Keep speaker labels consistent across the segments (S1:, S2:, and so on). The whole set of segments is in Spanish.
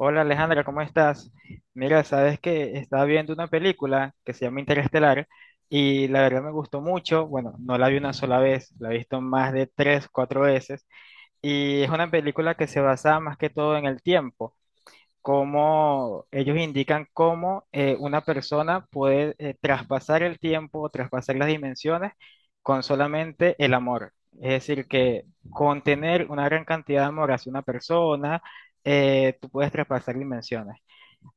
S1: Hola Alejandra, ¿cómo estás? Mira, sabes que estaba viendo una película que se llama Interestelar y la verdad me gustó mucho. Bueno, no la vi una sola vez, la he visto más de tres, cuatro veces y es una película que se basa más que todo en el tiempo cómo ellos indican cómo una persona puede traspasar el tiempo, traspasar las dimensiones con solamente el amor. Es decir, que con tener una gran cantidad de amor hacia una persona, tú puedes traspasar dimensiones.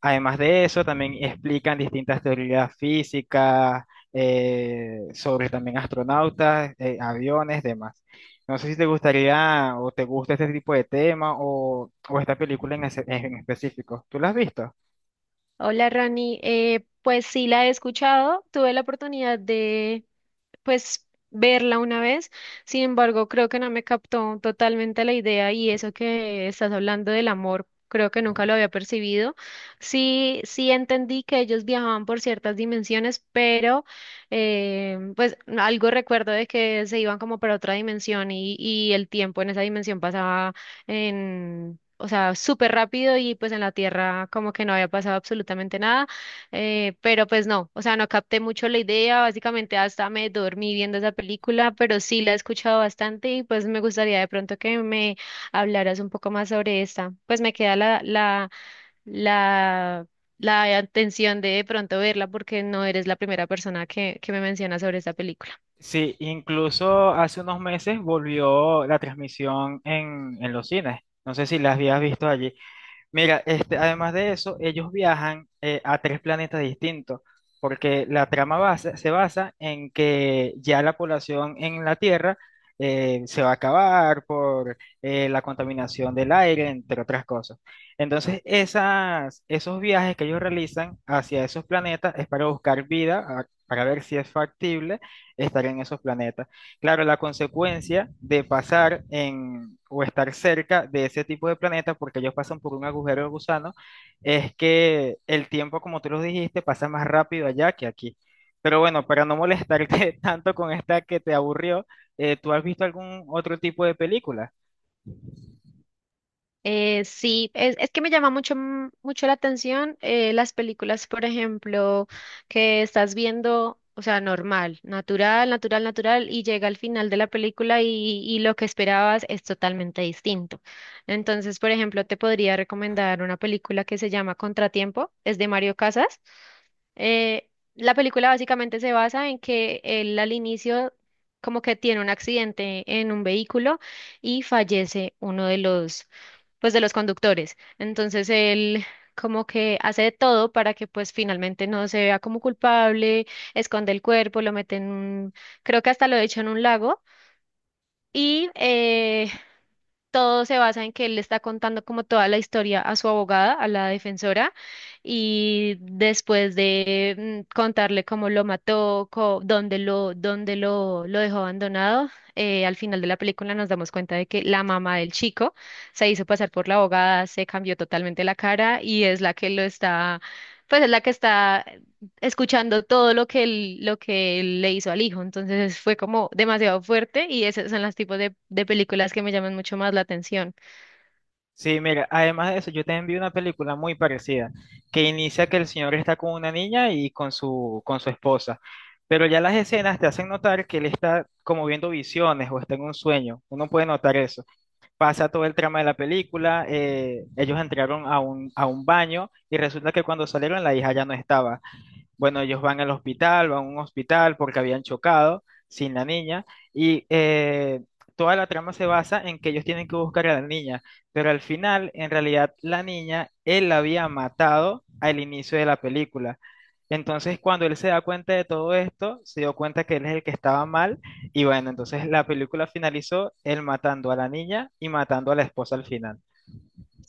S1: Además de eso, también explican distintas teorías físicas sobre también astronautas, aviones, demás. No sé si te gustaría o te gusta este tipo de tema o esta película en específico. ¿Tú la has visto?
S2: Hola Rani, pues sí la he escuchado, tuve la oportunidad de, pues verla una vez. Sin embargo, creo que no me captó totalmente la idea y eso que estás hablando del amor, creo que nunca lo había percibido. Sí, entendí que ellos viajaban por ciertas dimensiones, pero pues algo recuerdo de que se iban como para otra dimensión y el tiempo en esa dimensión pasaba en... O sea, súper rápido y pues en la Tierra como que no había pasado absolutamente nada. Pero pues no, o sea, no capté mucho la idea, básicamente hasta me dormí viendo esa película, pero sí la he escuchado bastante y pues me gustaría de pronto que me hablaras un poco más sobre esta. Pues me queda la, la atención de pronto verla porque no eres la primera persona que me menciona sobre esta película.
S1: Sí, incluso hace unos meses volvió la transmisión en los cines. No sé si la habías visto allí. Mira, este, además de eso, ellos viajan a tres planetas distintos, porque la se basa en que ya la población en la Tierra se va a acabar por la contaminación del aire, entre otras cosas. Entonces, esos viajes que ellos realizan hacia esos planetas es para buscar vida, para ver si es factible estar en esos planetas. Claro, la consecuencia de pasar en o estar cerca de ese tipo de planetas, porque ellos pasan por un agujero de gusano, es que el tiempo, como tú lo dijiste, pasa más rápido allá que aquí. Pero bueno, para no molestarte tanto con esta que te aburrió, ¿tú has visto algún otro tipo de película?
S2: Sí, es que me llama mucho, mucho la atención las películas, por ejemplo, que estás viendo, o sea, normal, natural, natural, natural, y llega al final de la película y lo que esperabas es totalmente distinto. Entonces, por ejemplo, te podría recomendar una película que se llama Contratiempo, es de Mario Casas. Eh, la película básicamente se basa en que él al inicio como que tiene un accidente en un vehículo y fallece uno de los, pues de los conductores. Entonces él como que hace de todo para que pues finalmente no se vea como culpable, esconde el cuerpo, lo mete en un, creo que hasta lo echa en un lago y todo se basa en que él le está contando como toda la historia a su abogada, a la defensora, y después de contarle cómo lo mató, dónde lo, lo dejó abandonado, al final de la película nos damos cuenta de que la mamá del chico se hizo pasar por la abogada, se cambió totalmente la cara y es la que lo está, pues es la que está escuchando todo lo que él le hizo al hijo. Entonces fue como demasiado fuerte y esos son los tipos de películas que me llaman mucho más la atención.
S1: Sí, mira, además de eso, yo te vi una película muy parecida, que inicia que el señor está con una niña y con con su esposa, pero ya las escenas te hacen notar que él está como viendo visiones o está en un sueño, uno puede notar eso. Pasa todo el trama de la película, ellos entraron a a un baño y resulta que cuando salieron la hija ya no estaba. Bueno, ellos van al hospital, van a un hospital porque habían chocado sin la niña y toda la trama se basa en que ellos tienen que buscar a la niña, pero al final, en realidad, la niña, él la había matado al inicio de la película. Entonces, cuando él se da cuenta de todo esto, se dio cuenta que él es el que estaba mal y bueno, entonces la película finalizó él matando a la niña y matando a la esposa al final.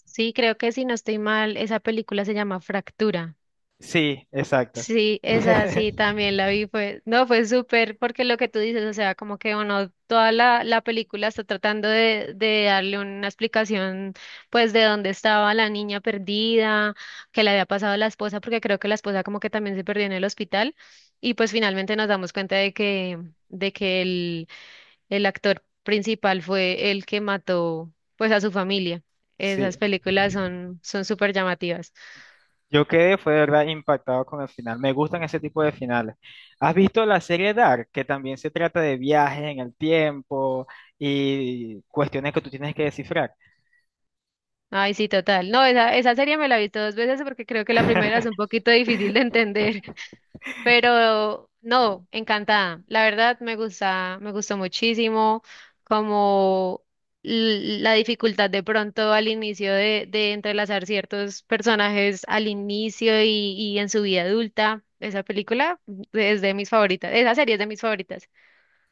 S2: Sí, creo que si no estoy mal, esa película se llama Fractura.
S1: Sí, exacto.
S2: Sí, esa sí también la vi, fue, no, fue súper, porque lo que tú dices, o sea, como que uno, toda la película está tratando de darle una explicación, pues, de dónde estaba la niña perdida, que le había pasado a la esposa, porque creo que la esposa como que también se perdió en el hospital, y pues finalmente nos damos cuenta de que el actor principal fue el que mató, pues, a su familia. Esas
S1: Sí.
S2: películas son, son súper llamativas.
S1: Yo quedé, fue de verdad impactado con el final. Me gustan ese tipo de finales. ¿Has visto la serie Dark, que también se trata de viajes en el tiempo y cuestiones que tú tienes que descifrar?
S2: Ay, sí, total. No, esa serie me la he visto dos veces porque creo que la primera es un poquito difícil de entender, pero no, encantada. La verdad me gusta, me gustó muchísimo como la dificultad de pronto al inicio de entrelazar ciertos personajes al inicio y en su vida adulta. Esa película es de mis favoritas, esa serie es de mis favoritas.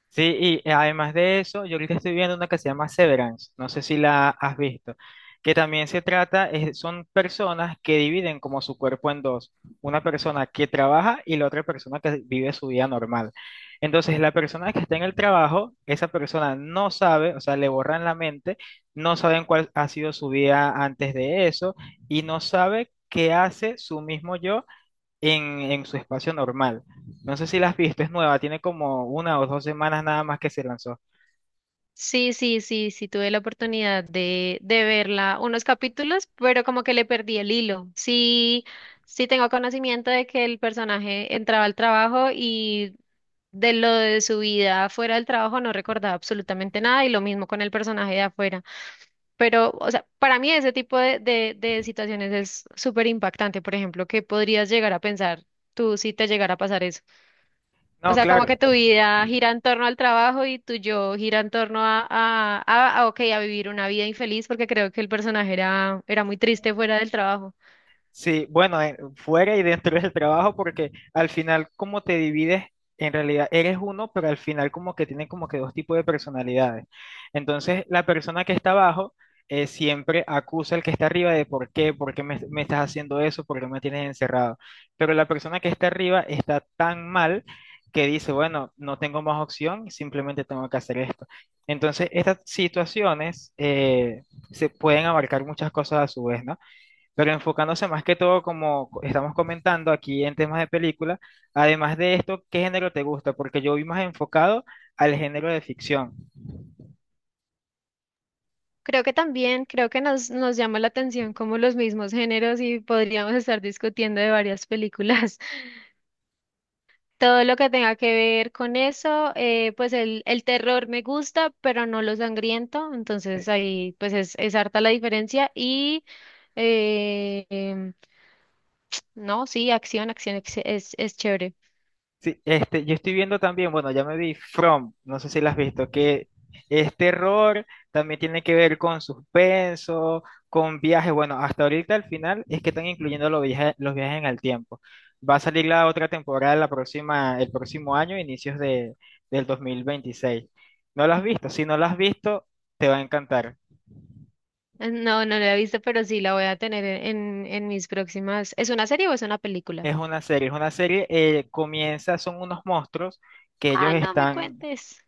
S1: Sí, y además de eso, yo ahorita estoy viendo una que se llama Severance, no sé si la has visto, que también se trata, son personas que dividen como su cuerpo en dos, una persona que trabaja y la otra persona que vive su vida normal. Entonces, la persona que está en el trabajo, esa persona no sabe, o sea, le borran la mente, no saben cuál ha sido su vida antes de eso y no sabe qué hace su mismo yo en, en su espacio normal. No sé si la has visto, es nueva, tiene como una o dos semanas nada más que se lanzó.
S2: Sí, tuve la oportunidad de verla unos capítulos, pero como que le perdí el hilo. Sí, sí tengo conocimiento de que el personaje entraba al trabajo y de lo de su vida fuera del trabajo no recordaba absolutamente nada y lo mismo con el personaje de afuera. Pero, o sea, para mí ese tipo de situaciones es súper impactante, por ejemplo, que podrías llegar a pensar tú si te llegara a pasar eso. O
S1: No,
S2: sea, como
S1: claro.
S2: que tu vida gira en torno al trabajo y tu yo gira en torno a, ok, a vivir una vida infeliz, porque creo que el personaje era, era muy triste fuera del trabajo.
S1: Sí, bueno, fuera y dentro del trabajo, porque al final como te divides, en realidad eres uno, pero al final como que tienen como que dos tipos de personalidades. Entonces, la persona que está abajo siempre acusa al que está arriba de por qué, me estás haciendo eso, por qué me tienes encerrado. Pero la persona que está arriba está tan mal que dice, bueno, no tengo más opción, simplemente tengo que hacer esto. Entonces, estas situaciones se pueden abarcar muchas cosas a su vez, ¿no? Pero enfocándose más que todo, como estamos comentando aquí en temas de película, además de esto, ¿qué género te gusta? Porque yo vi más enfocado al género de ficción.
S2: Creo que también, creo que nos, nos llama la atención como los mismos géneros y podríamos estar discutiendo de varias películas. Todo lo que tenga que ver con eso, pues el terror me gusta, pero no lo sangriento, entonces ahí pues es harta la diferencia y... em, No, sí, acción, acción, es chévere.
S1: Sí, este, yo estoy viendo también, bueno, ya me vi From, no sé si la has visto, que es terror, también tiene que ver con suspenso, con viajes. Bueno, hasta ahorita al final es que están incluyendo los viajes en el tiempo. Va a salir la otra temporada la próxima, el próximo año, del 2026. ¿No la has visto? Si no la has visto, te va a encantar.
S2: No, no la he visto, pero sí la voy a tener en mis próximas. ¿Es una serie o es una película?
S1: Es una serie, comienza, son unos monstruos que ellos
S2: Ah, no me
S1: están,
S2: cuentes.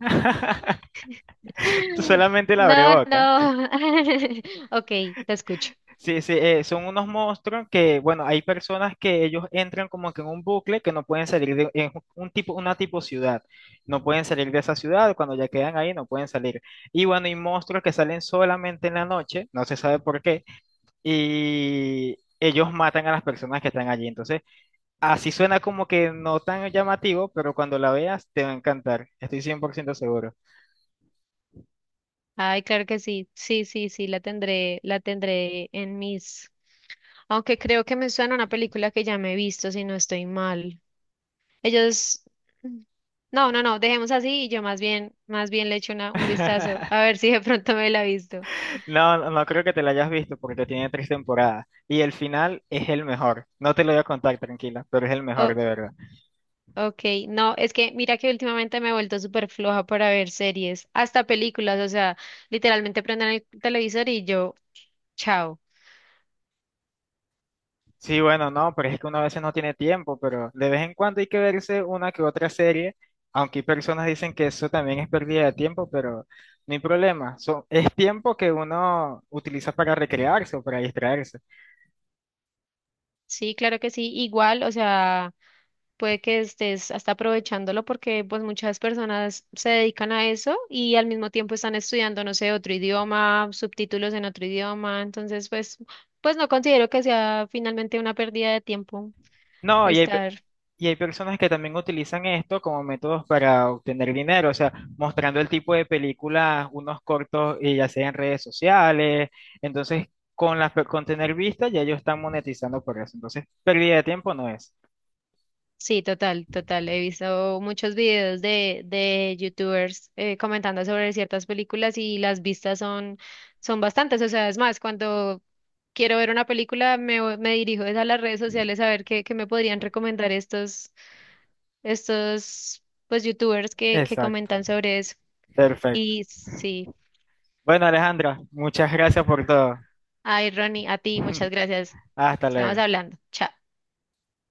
S1: tú solamente la abre
S2: No,
S1: boca.
S2: no. Ok, te escucho.
S1: Sí, sí, son unos monstruos que, bueno, hay personas que ellos entran como que en un bucle que no pueden salir de, es un tipo, una tipo ciudad, no pueden salir de esa ciudad, cuando ya quedan ahí no pueden salir. Y bueno, hay monstruos que salen solamente en la noche, no se sabe por qué, y ellos matan a las personas que están allí. Entonces, así suena como que no tan llamativo, pero cuando la veas te va a encantar, estoy 100% seguro.
S2: Ay, claro que sí. Sí, sí, sí, la tendré en mis. Aunque creo que me suena una película que ya me he visto, si no estoy mal. Ellos. No, no, no, dejemos así y yo más bien le echo una, un vistazo a ver si de pronto me la he visto.
S1: No, no creo que te la hayas visto porque tiene tres temporadas y el final es el mejor. No te lo voy a contar, tranquila, pero es el mejor de verdad.
S2: Ok, no, es que mira que últimamente me he vuelto súper floja para ver series, hasta películas, o sea, literalmente prenden el televisor y yo, chao.
S1: Sí, bueno, no, pero es que uno a veces no tiene tiempo, pero de vez en cuando hay que verse una que otra serie, aunque hay personas dicen que eso también es pérdida de tiempo, pero no hay problema. Son, es tiempo que uno utiliza para recrearse o para distraerse.
S2: Sí, claro que sí, igual, o sea, puede que estés hasta aprovechándolo porque pues muchas personas se dedican a eso y al mismo tiempo están estudiando, no sé, otro idioma, subtítulos en otro idioma, entonces pues, pues no considero que sea finalmente una pérdida de tiempo
S1: No, y hay,
S2: estar.
S1: y hay personas que también utilizan esto como métodos para obtener dinero, o sea, mostrando el tipo de películas, unos cortos, ya sea en redes sociales. Entonces, con con tener vistas, ya ellos están monetizando por eso. Entonces, pérdida de tiempo no es.
S2: Sí, total, total. He visto muchos videos de YouTubers comentando sobre ciertas películas y las vistas son, son bastantes. O sea, es más, cuando quiero ver una película me dirijo es a las redes sociales a ver qué, qué me podrían recomendar estos, estos pues YouTubers que
S1: Exacto,
S2: comentan sobre eso.
S1: perfecto.
S2: Y sí,
S1: Bueno, Alejandra, muchas gracias por todo.
S2: ay, Ronnie, a ti, muchas gracias.
S1: Hasta
S2: Estamos
S1: luego.
S2: hablando. Chao.